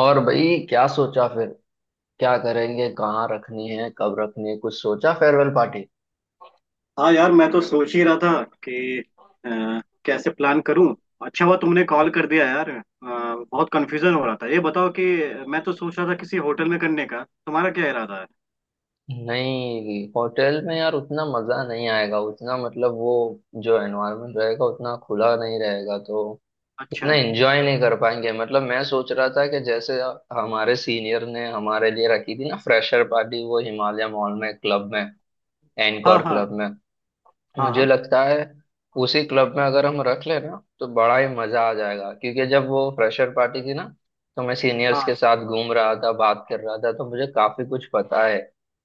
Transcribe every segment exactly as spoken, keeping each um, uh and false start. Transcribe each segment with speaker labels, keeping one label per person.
Speaker 1: और भाई क्या सोचा फिर? क्या करेंगे? कहाँ रखनी है, कब रखनी है, कुछ सोचा फेयरवेल पार्टी?
Speaker 2: हाँ यार, मैं तो सोच ही रहा था कि अ, कैसे प्लान करूं। अच्छा हुआ तुमने कॉल कर दिया यार, अ, बहुत कंफ्यूजन हो रहा था। ये बताओ कि मैं तो सोच रहा था किसी होटल में करने का, तुम्हारा क्या इरादा है?
Speaker 1: नहीं, होटल में यार उतना मजा नहीं आएगा, उतना मतलब वो जो एनवायरनमेंट रहेगा उतना खुला नहीं रहेगा, तो इतना
Speaker 2: अच्छा।
Speaker 1: एंजॉय नहीं कर पाएंगे। मतलब मैं सोच रहा था कि जैसे हमारे सीनियर ने हमारे लिए रखी थी ना फ्रेशर पार्टी, वो हिमालय मॉल में क्लब में,
Speaker 2: हाँ,
Speaker 1: एनकोर
Speaker 2: हाँ।
Speaker 1: क्लब में।
Speaker 2: हाँ,
Speaker 1: मुझे
Speaker 2: हाँ,
Speaker 1: लगता है उसी क्लब में अगर हम रख लें ना तो बड़ा ही मजा आ जाएगा, क्योंकि जब वो फ्रेशर पार्टी थी ना तो मैं सीनियर्स
Speaker 2: हाँ।
Speaker 1: के साथ घूम रहा था, बात कर रहा था, तो मुझे काफी कुछ पता है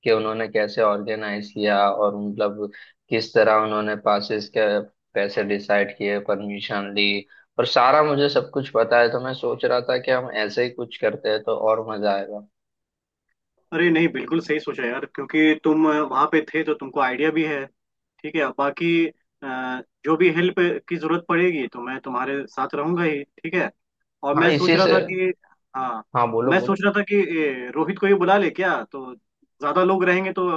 Speaker 1: कि उन्होंने कैसे ऑर्गेनाइज किया और मतलब किस तरह उन्होंने पासिस के पैसे डिसाइड किए, परमिशन ली, और सारा मुझे सब कुछ पता है। तो मैं सोच रहा था कि हम ऐसे ही कुछ करते हैं तो और मजा आएगा।
Speaker 2: अरे नहीं, बिल्कुल सही सोचा यार, क्योंकि तुम वहां पे थे तो तुमको आइडिया भी है। ठीक है, अब बाकी अ, जो भी हेल्प की जरूरत पड़ेगी तो मैं तुम्हारे साथ रहूंगा ही, ठीक है। और
Speaker 1: हाँ
Speaker 2: मैं सोच
Speaker 1: इसी
Speaker 2: रहा
Speaker 1: से।
Speaker 2: था कि, हाँ,
Speaker 1: हाँ, बोलो
Speaker 2: मैं सोच
Speaker 1: बोलो।
Speaker 2: रहा था कि ए, रोहित को ही बुला ले क्या, तो ज्यादा लोग रहेंगे तो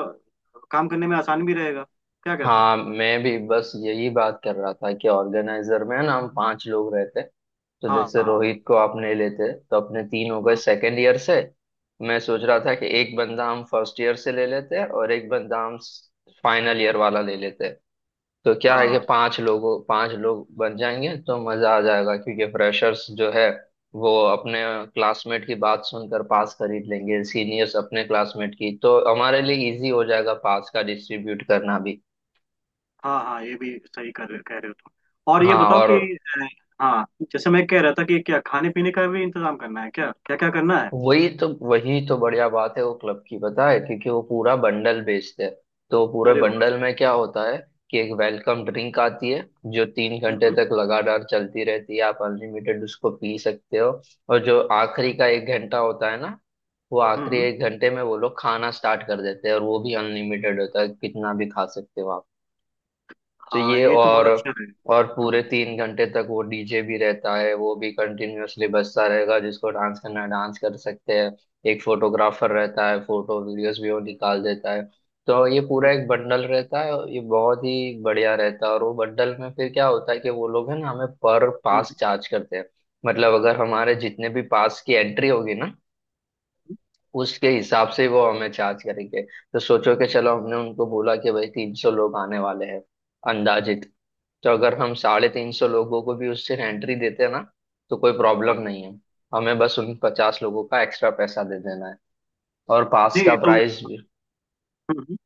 Speaker 2: काम करने में आसान भी रहेगा। क्या कहते हो?
Speaker 1: हाँ, मैं भी बस यही बात कर रहा था कि ऑर्गेनाइजर में ना हम पांच लोग रहते, तो
Speaker 2: हाँ,
Speaker 1: जैसे
Speaker 2: हाँ।
Speaker 1: रोहित को आपने लेते तो अपने तीन हो गए
Speaker 2: हम्म।
Speaker 1: सेकेंड ईयर से। मैं सोच रहा
Speaker 2: हम्म।
Speaker 1: था कि एक बंदा हम फर्स्ट ईयर से ले लेते हैं और एक बंदा हम फाइनल ईयर वाला ले लेते हैं। तो क्या है कि
Speaker 2: हाँ,
Speaker 1: पांच लोगों पांच लोग बन जाएंगे तो मजा आ जाएगा, क्योंकि फ्रेशर्स जो है वो अपने क्लासमेट की बात सुनकर पास खरीद लेंगे, सीनियर्स अपने क्लासमेट की, तो हमारे लिए इजी हो जाएगा पास का डिस्ट्रीब्यूट करना भी।
Speaker 2: हाँ। हाँ, ये भी सही कर रहे कह रहे हो तुम। और ये
Speaker 1: हाँ
Speaker 2: बताओ
Speaker 1: और
Speaker 2: कि अ, हाँ, जैसे मैं कह रहा था कि क्या खाने पीने का भी इंतजाम करना है, क्या क्या क्या करना है?
Speaker 1: वही तो वही तो बढ़िया बात है। वो क्लब की पता है क्योंकि वो पूरा बंडल बेचते हैं। तो पूरे
Speaker 2: अरे वाह।
Speaker 1: बंडल में क्या होता है कि एक वेलकम ड्रिंक आती है जो तीन घंटे
Speaker 2: हम्म।
Speaker 1: तक लगातार चलती रहती है, आप अनलिमिटेड उसको पी सकते हो। और जो आखिरी का एक घंटा होता है ना, वो
Speaker 2: हम्म।
Speaker 1: आखिरी
Speaker 2: हम्म।
Speaker 1: एक घंटे में वो लोग खाना स्टार्ट कर देते हैं और वो भी अनलिमिटेड होता है, कितना भी खा सकते हो। तो
Speaker 2: हाँ,
Speaker 1: ये,
Speaker 2: ये तो बहुत
Speaker 1: और
Speaker 2: अच्छा है।
Speaker 1: और
Speaker 2: हम्म।
Speaker 1: पूरे तीन घंटे तक वो डीजे भी रहता है, वो भी कंटिन्यूअसली बजता रहेगा, जिसको डांस करना है डांस कर सकते हैं। एक फोटोग्राफर रहता है, फोटो वीडियोस भी वो निकाल देता है। तो ये पूरा
Speaker 2: हम्म।
Speaker 1: एक बंडल रहता है और ये बहुत ही बढ़िया रहता है। और वो बंडल में फिर क्या होता है कि वो लोग है ना हमें पर
Speaker 2: हम्म।
Speaker 1: पास चार्ज करते हैं। मतलब अगर हमारे जितने भी पास की एंट्री होगी ना
Speaker 2: हम्म।
Speaker 1: उसके हिसाब से वो हमें चार्ज करेंगे। तो सोचो कि चलो हमने उनको बोला कि भाई तीन सौ लोग आने वाले हैं अंदाजित, तो अगर हम साढ़े तीन सौ लोगों को भी उससे एंट्री देते हैं ना तो कोई प्रॉब्लम
Speaker 2: हाँ
Speaker 1: नहीं है। हमें बस उन पचास लोगों का एक्स्ट्रा पैसा दे देना है और पास
Speaker 2: नहीं,
Speaker 1: का
Speaker 2: ये तो।
Speaker 1: प्राइस भी।
Speaker 2: हम्म। हम्म।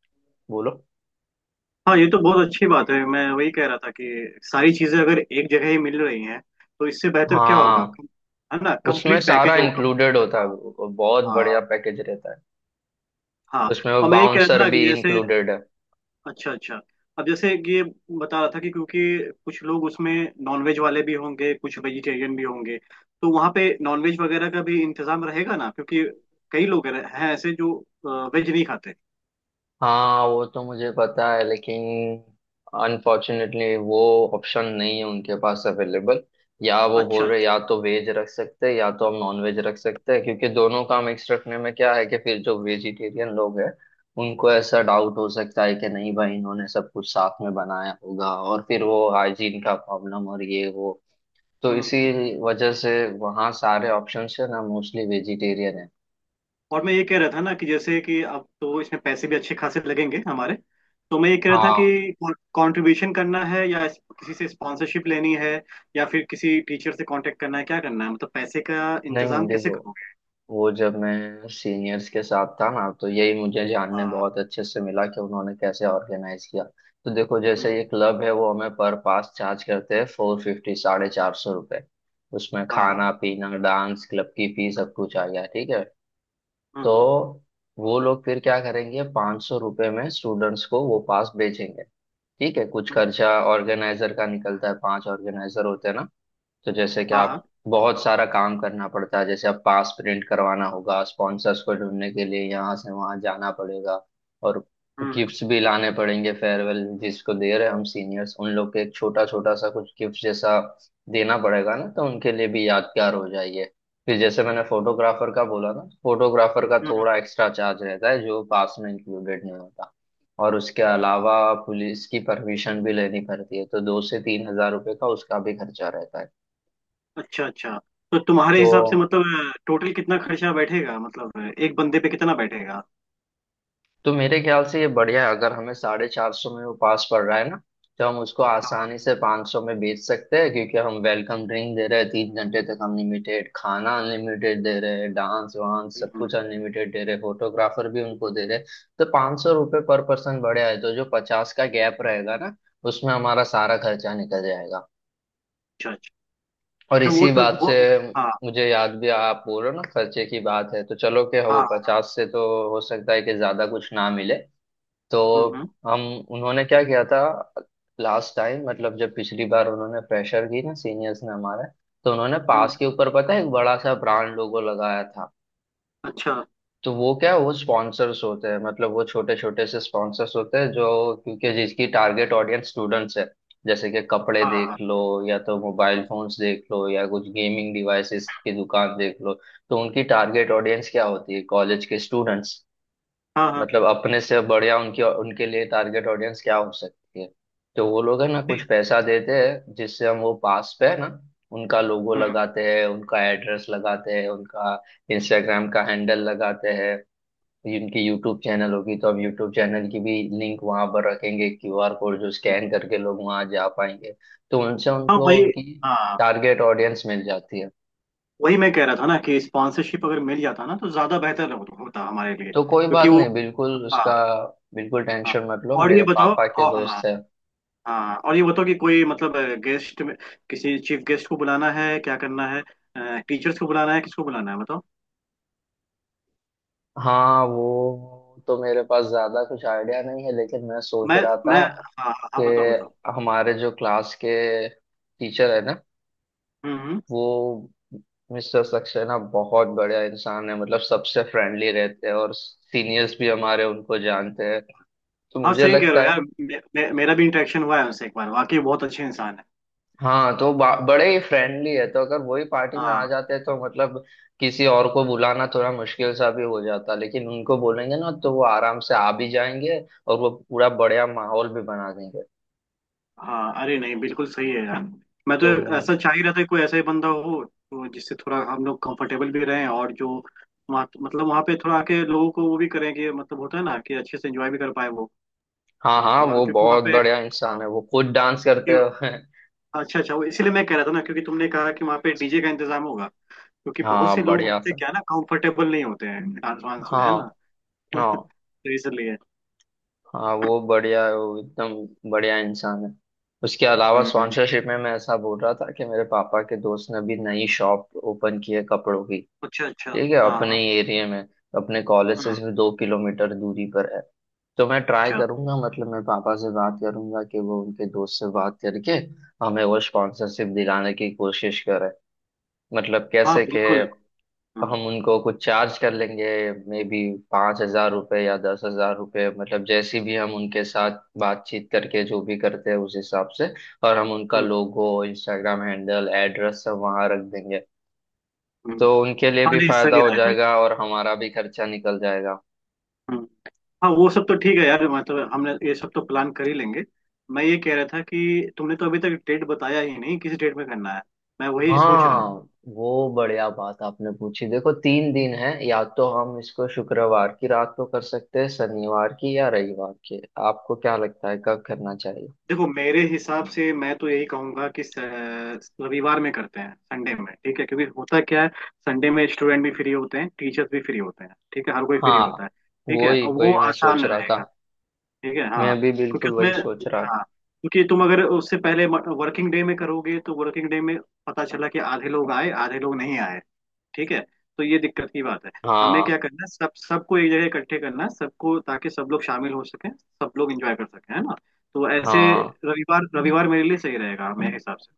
Speaker 1: बोलो।
Speaker 2: हाँ, ये तो बहुत अच्छी बात है। मैं वही कह रहा था कि सारी चीजें अगर एक जगह ही मिल रही हैं तो इससे बेहतर क्या होगा,
Speaker 1: हाँ,
Speaker 2: कम- है ना,
Speaker 1: उसमें
Speaker 2: कंप्लीट
Speaker 1: सारा
Speaker 2: पैकेज होगा।
Speaker 1: इंक्लूडेड होता है,
Speaker 2: हाँ।
Speaker 1: वो बहुत बढ़िया
Speaker 2: हाँ।
Speaker 1: पैकेज रहता है।
Speaker 2: हाँ।
Speaker 1: उसमें वो
Speaker 2: और मैं ये कह रहा था
Speaker 1: बाउंसर
Speaker 2: ना कि
Speaker 1: भी
Speaker 2: जैसे,
Speaker 1: इंक्लूडेड है।
Speaker 2: अच्छा अच्छा, अब जैसे कि ये बता रहा था कि क्योंकि कुछ लोग उसमें नॉनवेज वाले भी होंगे कुछ वेजिटेरियन भी होंगे, तो वहाँ पे नॉनवेज वगैरह का भी इंतजाम रहेगा ना, क्योंकि कई लोग रह- हैं ऐसे जो वेज नहीं खाते।
Speaker 1: हाँ वो तो मुझे पता है, लेकिन अनफॉर्चुनेटली वो ऑप्शन नहीं है उनके पास अवेलेबल। या वो
Speaker 2: अच्छा
Speaker 1: बोल रहे,
Speaker 2: अच्छा।
Speaker 1: या तो वेज रख सकते हैं या तो हम नॉन वेज रख सकते हैं, क्योंकि दोनों का मिक्स रखने में क्या है कि फिर जो वेजिटेरियन लोग हैं उनको ऐसा डाउट हो सकता है कि नहीं भाई इन्होंने सब कुछ साथ में बनाया होगा, और फिर वो हाइजीन का प्रॉब्लम और ये वो, तो
Speaker 2: हम्म।
Speaker 1: इसी
Speaker 2: हम्म।
Speaker 1: वजह से वहाँ सारे ऑप्शंस है ना, मोस्टली वेजिटेरियन है।
Speaker 2: और मैं ये कह रहा था ना कि जैसे कि अब तो इसमें पैसे भी अच्छे खासे लगेंगे हमारे, तो मैं ये कह रहा था
Speaker 1: हाँ
Speaker 2: कि कंट्रीब्यूशन करना है या इस- किसी से स्पॉन्सरशिप लेनी है या फिर किसी टीचर से कांटेक्ट करना है, क्या करना है मतलब? पैसे का
Speaker 1: नहीं
Speaker 2: इंतजाम कैसे
Speaker 1: देखो,
Speaker 2: करोगे?
Speaker 1: वो जब मैं सीनियर्स के साथ था ना तो यही मुझे जानने
Speaker 2: हाँ, हाँ।
Speaker 1: बहुत अच्छे से मिला कि उन्होंने कैसे ऑर्गेनाइज किया। तो देखो
Speaker 2: हम्म।
Speaker 1: जैसे ये क्लब है वो हमें पर पास चार्ज करते हैं, फोर फिफ्टी, साढ़े चार सौ रुपये। उसमें
Speaker 2: हाँ, हाँ।
Speaker 1: खाना पीना डांस क्लब की फीस सब कुछ आ गया, ठीक है। तो
Speaker 2: हम्म।
Speaker 1: वो लोग फिर क्या करेंगे, पाँच सौ रुपये में स्टूडेंट्स को वो पास बेचेंगे। ठीक है, कुछ
Speaker 2: हम्म।
Speaker 1: खर्चा ऑर्गेनाइजर का निकलता है, पांच ऑर्गेनाइजर होते हैं ना, तो जैसे कि
Speaker 2: हाँ,
Speaker 1: आप,
Speaker 2: हाँ।
Speaker 1: बहुत सारा काम करना पड़ता है। जैसे आप पास प्रिंट करवाना होगा, स्पॉन्सर्स को ढूंढने के लिए यहाँ से वहाँ जाना पड़ेगा, और
Speaker 2: हम्म। हम्म।
Speaker 1: गिफ्ट्स भी लाने पड़ेंगे। फेयरवेल जिसको दे रहे हैं हम सीनियर्स उन लोग के, एक छोटा छोटा सा कुछ गिफ्ट जैसा देना पड़ेगा ना तो उनके लिए भी यादगार हो जाइए। फिर जैसे मैंने फोटोग्राफर का बोला ना, फोटोग्राफर का
Speaker 2: हम्म।
Speaker 1: थोड़ा एक्स्ट्रा चार्ज रहता है जो पास में इंक्लूडेड नहीं होता। और उसके अलावा पुलिस की परमिशन भी लेनी पड़ती है, तो दो से तीन हजार रुपये का उसका भी खर्चा रहता है।
Speaker 2: अच्छा अच्छा। तो तुम्हारे हिसाब से
Speaker 1: तो
Speaker 2: मतलब टोटल कितना खर्चा बैठेगा, मतलब एक बंदे पे कितना बैठेगा?
Speaker 1: तो मेरे ख्याल से ये बढ़िया है, अगर हमें साढ़े चार सौ में वो पास पड़ रहा है ना, तो हम उसको
Speaker 2: हाँ।
Speaker 1: आसानी से पाँच सौ में बेच सकते हैं, क्योंकि हम वेलकम ड्रिंक दे रहे हैं तीन घंटे तक अनलिमिटेड, खाना अनलिमिटेड दे रहे हैं, डांस वांस सब
Speaker 2: हम्म।
Speaker 1: कुछ अनलिमिटेड दे रहे हैं, फोटोग्राफर भी उनको दे रहे हैं। तो पाँच सौ रुपये पर पर्सन बढ़िया है। तो जो पचास का गैप रहेगा ना उसमें हमारा सारा खर्चा निकल जाएगा।
Speaker 2: अच्छा अच्छा।
Speaker 1: और
Speaker 2: अच्छा, वो
Speaker 1: इसी
Speaker 2: तो
Speaker 1: बात
Speaker 2: वो।
Speaker 1: से
Speaker 2: हाँ,
Speaker 1: मुझे याद भी आया, आप बोलो ना, खर्चे की बात है तो चलो, कि
Speaker 2: हाँ,
Speaker 1: वो
Speaker 2: हाँ।
Speaker 1: पचास से तो हो सकता है कि ज्यादा कुछ ना मिले। तो
Speaker 2: हम्म। हम्म।
Speaker 1: हम, उन्होंने क्या किया था लास्ट टाइम, मतलब जब पिछली बार उन्होंने प्रेशर की ना सीनियर्स ने हमारे, तो उन्होंने
Speaker 2: हम्म।
Speaker 1: पास के ऊपर पता है एक बड़ा सा ब्रांड लोगो लगाया था।
Speaker 2: अच्छा।
Speaker 1: तो वो क्या, वो स्पॉन्सर्स होते हैं, मतलब वो छोटे छोटे से स्पॉन्सर्स होते हैं, जो, क्योंकि जिसकी टारगेट ऑडियंस स्टूडेंट्स है, जैसे कि कपड़े
Speaker 2: हाँ, हाँ।
Speaker 1: देख लो, या तो मोबाइल
Speaker 2: हम्म।
Speaker 1: फोन्स देख लो, या कुछ गेमिंग डिवाइसेस की दुकान देख लो, तो उनकी टारगेट ऑडियंस क्या होती है, कॉलेज के स्टूडेंट्स।
Speaker 2: हाँ, हाँ,
Speaker 1: मतलब अपने से बढ़िया उनकी उनके लिए टारगेट ऑडियंस क्या हो सकती है? तो वो लोग है ना
Speaker 2: नहीं।
Speaker 1: कुछ पैसा देते हैं, जिससे हम वो पास पे है ना उनका लोगो
Speaker 2: हम्म।
Speaker 1: लगाते हैं, उनका एड्रेस लगाते हैं, उनका इंस्टाग्राम का हैंडल लगाते हैं, उनकी यूट्यूब चैनल होगी तो हम यूट्यूब चैनल की भी लिंक वहां पर रखेंगे, क्यूआर कोड जो
Speaker 2: हम्म।
Speaker 1: स्कैन करके लोग वहां जा पाएंगे। तो उनसे
Speaker 2: हाँ,
Speaker 1: उनको
Speaker 2: वही।
Speaker 1: उनकी
Speaker 2: हाँ,
Speaker 1: टारगेट ऑडियंस मिल जाती है।
Speaker 2: वही मैं कह रहा था ना कि स्पॉन्सरशिप अगर मिल जाता ना तो ज्यादा बेहतर हो- होता हमारे लिए,
Speaker 1: तो कोई
Speaker 2: क्योंकि
Speaker 1: बात
Speaker 2: वो।
Speaker 1: नहीं, बिल्कुल
Speaker 2: हाँ।
Speaker 1: उसका बिल्कुल
Speaker 2: हाँ,
Speaker 1: टेंशन मत लो,
Speaker 2: और ये
Speaker 1: मेरे
Speaker 2: बताओ।
Speaker 1: पापा के
Speaker 2: और, हाँ।
Speaker 1: दोस्त है।
Speaker 2: हाँ, और ये बताओ कि कोई मतलब गेस्ट में किसी चीफ गेस्ट को बुलाना है, क्या करना है? टीचर्स को बुलाना है, किसको बुलाना है, बताओ।
Speaker 1: हाँ, वो तो मेरे पास ज्यादा कुछ आइडिया नहीं है, लेकिन मैं सोच
Speaker 2: मैं
Speaker 1: रहा था
Speaker 2: मैं हाँ, हाँ,
Speaker 1: कि
Speaker 2: हाँ, बताओ बताओ।
Speaker 1: हमारे जो क्लास के टीचर है ना,
Speaker 2: हम्म। हम्म।
Speaker 1: वो मिस्टर सक्सेना बहुत बढ़िया इंसान है, मतलब सबसे फ्रेंडली रहते हैं और सीनियर्स भी हमारे उनको जानते हैं, तो
Speaker 2: हाँ,
Speaker 1: मुझे
Speaker 2: सही कह रहे
Speaker 1: लगता
Speaker 2: हो
Speaker 1: है।
Speaker 2: यार, मे, मे, मेरा भी इंटरेक्शन हुआ है उनसे एक बार, वाकई बहुत अच्छे इंसान है।
Speaker 1: हाँ तो बा- बड़े ही फ्रेंडली है, तो अगर वही पार्टी में आ
Speaker 2: हाँ,
Speaker 1: जाते तो मतलब किसी और को बुलाना थोड़ा मुश्किल सा भी हो जाता, लेकिन उनको बोलेंगे ना तो वो आराम से आ भी जाएंगे और वो पूरा बढ़िया माहौल भी बना देंगे।
Speaker 2: हाँ। अरे नहीं, बिल्कुल सही है यार। मैं तो
Speaker 1: तो हम्म,
Speaker 2: ऐसा चाह ही रहा था कि कोई ऐसा ही बंदा हो तो जिससे थोड़ा हम लोग कंफर्टेबल भी रहें और जो वहाँ मतलब वहाँ पे थोड़ा आके लोगों को वो भी करें कि मतलब होता है ना कि अच्छे से एंजॉय भी कर पाए वो।
Speaker 1: हाँ
Speaker 2: कि-
Speaker 1: हाँ
Speaker 2: और
Speaker 1: वो
Speaker 2: क्योंकि वहाँ
Speaker 1: बहुत
Speaker 2: पे,
Speaker 1: बढ़िया
Speaker 2: हाँ,
Speaker 1: इंसान है, वो खुद डांस करते
Speaker 2: क्योंकि,
Speaker 1: हो
Speaker 2: अच्छा अच्छा, वो इसीलिए मैं कह रहा था ना क्योंकि तुमने कहा कि वहाँ पे डीजे का इंतजाम होगा, क्योंकि बहुत
Speaker 1: हाँ
Speaker 2: से लोग
Speaker 1: बढ़िया
Speaker 2: होते
Speaker 1: सर।
Speaker 2: क्या है ना, कंफर्टेबल नहीं होते हैं डांस वांस में, है ना।
Speaker 1: हाँ, हाँ,
Speaker 2: तो इसलिए।
Speaker 1: हाँ वो बढ़िया है, वो एकदम बढ़िया इंसान है। उसके अलावा
Speaker 2: हम्म। हम्म।
Speaker 1: स्पॉन्सरशिप में मैं ऐसा बोल रहा था कि मेरे पापा के दोस्त ने भी नई शॉप ओपन की है कपड़ों की।
Speaker 2: अच्छा अच्छा।
Speaker 1: ठीक है,
Speaker 2: हाँ, हाँ।
Speaker 1: अपने एरिया में, अपने कॉलेज से
Speaker 2: हम्म।
Speaker 1: सिर्फ दो किलोमीटर दूरी पर है। तो मैं ट्राई
Speaker 2: अच्छा।
Speaker 1: करूंगा, मतलब मैं पापा से बात करूंगा कि वो उनके दोस्त से बात करके हमें वो स्पॉन्सरशिप दिलाने की कोशिश करें। मतलब
Speaker 2: हाँ,
Speaker 1: कैसे, कि
Speaker 2: बिल्कुल। हम्म।
Speaker 1: हम उनको कुछ चार्ज कर लेंगे, मे बी पाँच हजार रुपये या दस हजार रुपये, मतलब जैसी भी हम उनके साथ बातचीत करके जो भी करते हैं उस हिसाब से। और हम उनका
Speaker 2: हम्म।
Speaker 1: लोगो, इंस्टाग्राम हैंडल, एड्रेस सब वहाँ रख देंगे,
Speaker 2: हम्म।
Speaker 1: तो उनके लिए
Speaker 2: हाँ
Speaker 1: भी
Speaker 2: नहीं,
Speaker 1: फायदा
Speaker 2: सही
Speaker 1: हो
Speaker 2: रहेगा ये।
Speaker 1: जाएगा और हमारा भी खर्चा निकल जाएगा।
Speaker 2: हम्म। हाँ, वो सब तो ठीक है यार, मतलब हमने ये सब तो प्लान कर ही लेंगे। मैं ये कह रहा था कि तुमने तो अभी तक डेट बताया ही नहीं, किस डेट में करना है? मैं वही सोच रहा
Speaker 1: हाँ,
Speaker 2: हूँ।
Speaker 1: वो बढ़िया बात आपने पूछी। देखो तीन दिन है, या तो हम इसको शुक्रवार की रात को कर सकते हैं, शनिवार की या रविवार की। आपको क्या लगता है कब करना चाहिए?
Speaker 2: देखो मेरे हिसाब से, मैं तो यही कहूंगा कि स- रविवार में करते हैं, संडे में, ठीक है, क्योंकि होता क्या है, संडे में स्टूडेंट भी फ्री होते हैं, टीचर्स भी फ्री होते हैं, ठीक है, हर कोई फ्री
Speaker 1: हाँ,
Speaker 2: होता है। ठीक है,
Speaker 1: वही
Speaker 2: और वो
Speaker 1: वही मैं सोच
Speaker 2: आसान
Speaker 1: रहा था।
Speaker 2: रहेगा। ठीक है। हाँ,
Speaker 1: मैं भी
Speaker 2: क्योंकि
Speaker 1: बिल्कुल
Speaker 2: उसमें,
Speaker 1: वही सोच रहा
Speaker 2: हाँ,
Speaker 1: था।
Speaker 2: क्योंकि तुम अगर उससे पहले वर्किंग डे में करोगे तो वर्किंग डे में पता चला कि आधे लोग आए आधे लोग नहीं आए, ठीक है, तो ये दिक्कत की बात है। हमें क्या
Speaker 1: हाँ
Speaker 2: करना है, सब सबको एक जगह इकट्ठे करना है सबको, ताकि सब लोग शामिल हो सके सब लोग एंजॉय कर सके, है ना। तो ऐसे,
Speaker 1: हाँ
Speaker 2: रविवार, रविवार मेरे लिए सही रहेगा, मेरे हिसाब से।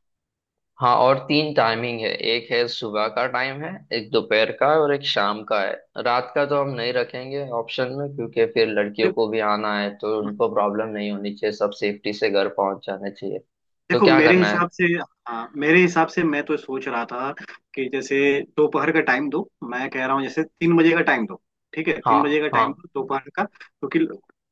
Speaker 1: हाँ। और तीन टाइमिंग है, एक है सुबह का टाइम है, एक दोपहर का है और एक शाम का है। रात का तो हम नहीं रखेंगे ऑप्शन में, क्योंकि फिर लड़कियों को भी आना है तो उनको
Speaker 2: देखो,
Speaker 1: प्रॉब्लम नहीं होनी चाहिए, सब सेफ्टी से घर पहुंच जाना चाहिए। तो
Speaker 2: देखो
Speaker 1: क्या
Speaker 2: मेरे
Speaker 1: करना है?
Speaker 2: हिसाब से, हाँ, मेरे हिसाब से मैं तो सोच रहा था कि जैसे दोपहर का टाइम दो, मैं कह रहा हूँ, जैसे तीन बजे का टाइम दो, ठीक है,
Speaker 1: हाँ
Speaker 2: तीन बजे का टाइम
Speaker 1: हाँ,
Speaker 2: दो दोपहर का, क्योंकि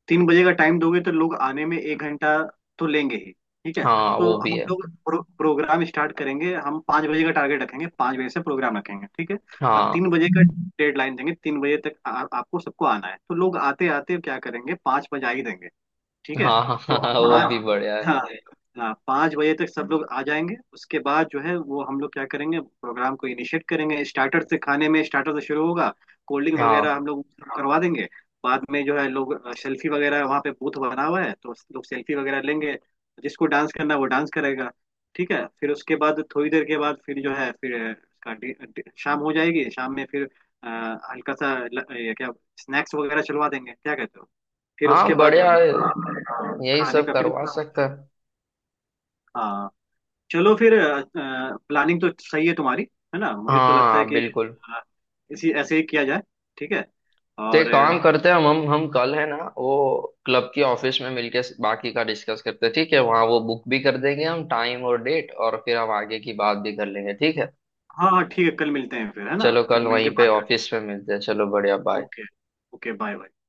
Speaker 2: तीन बजे का टाइम दोगे तो लोग आने में एक घंटा तो लेंगे ही, ठीक है।
Speaker 1: हाँ
Speaker 2: तो
Speaker 1: वो भी
Speaker 2: हम
Speaker 1: है।
Speaker 2: लोग प्रो, प्रोग्राम स्टार्ट करेंगे, हम पाँच बजे का टारगेट रखेंगे, पाँच बजे से प्रोग्राम रखेंगे, ठीक है। और
Speaker 1: हाँ
Speaker 2: तीन बजे का डेडलाइन देंगे, तीन बजे तक आ, आपको सबको आना है, तो लोग आते आते क्या करेंगे, पाँच बजा ही देंगे, ठीक है।
Speaker 1: हाँ हाँ, हाँ,
Speaker 2: तो
Speaker 1: हाँ वो भी
Speaker 2: पाँच,
Speaker 1: बढ़िया है।
Speaker 2: हाँ, हाँ, हाँ, पाँच बजे तक सब लोग आ जाएंगे, उसके बाद जो है वो हम लोग क्या करेंगे, प्रोग्राम को इनिशिएट करेंगे, स्टार्टर से, खाने में स्टार्टर से शुरू होगा, कोल्ड ड्रिंक वगैरह
Speaker 1: हाँ
Speaker 2: हम लोग करवा देंगे। बाद में जो है, लोग सेल्फी वगैरह, वहाँ पे बूथ बना हुआ है तो लोग सेल्फी वगैरह लेंगे, जिसको डांस करना है वो डांस करेगा, ठीक है। फिर उसके बाद थोड़ी देर के बाद फिर जो है, फिर इसका डि- डि- शाम हो जाएगी, शाम में फिर अ, हल्का सा ल- ये क्या, स्नैक्स वगैरह चलवा देंगे, क्या कहते हो? फिर
Speaker 1: हाँ
Speaker 2: उसके बाद हम
Speaker 1: बढ़िया है,
Speaker 2: लोग
Speaker 1: यही
Speaker 2: खाने
Speaker 1: सब
Speaker 2: का फिर
Speaker 1: करवा
Speaker 2: इंतजाम होता
Speaker 1: सकता है।
Speaker 2: है। हाँ, चलो फिर, प्लानिंग तो सही है तुम्हारी, है ना, मुझे तो लगता है
Speaker 1: हाँ
Speaker 2: कि
Speaker 1: बिल्कुल।
Speaker 2: अ, इसी ऐसे ही किया जाए, ठीक है।
Speaker 1: तो
Speaker 2: और
Speaker 1: एक
Speaker 2: अ,
Speaker 1: काम करते हैं, हम हम हम कल है ना वो क्लब की ऑफिस में मिलके बाकी का डिस्कस करते हैं, ठीक है, वहाँ वो बुक भी कर देंगे हम टाइम और डेट, और फिर हम आगे की बात भी कर लेंगे, ठीक है।
Speaker 2: हाँ, हाँ ठीक है, कल मिलते हैं फिर, है ना,
Speaker 1: चलो
Speaker 2: कल
Speaker 1: कल
Speaker 2: मिल के
Speaker 1: वहीं पे
Speaker 2: बात करते
Speaker 1: ऑफिस में मिलते हैं, चलो बढ़िया
Speaker 2: हैं।
Speaker 1: Bye.
Speaker 2: Okay. Okay bye bye.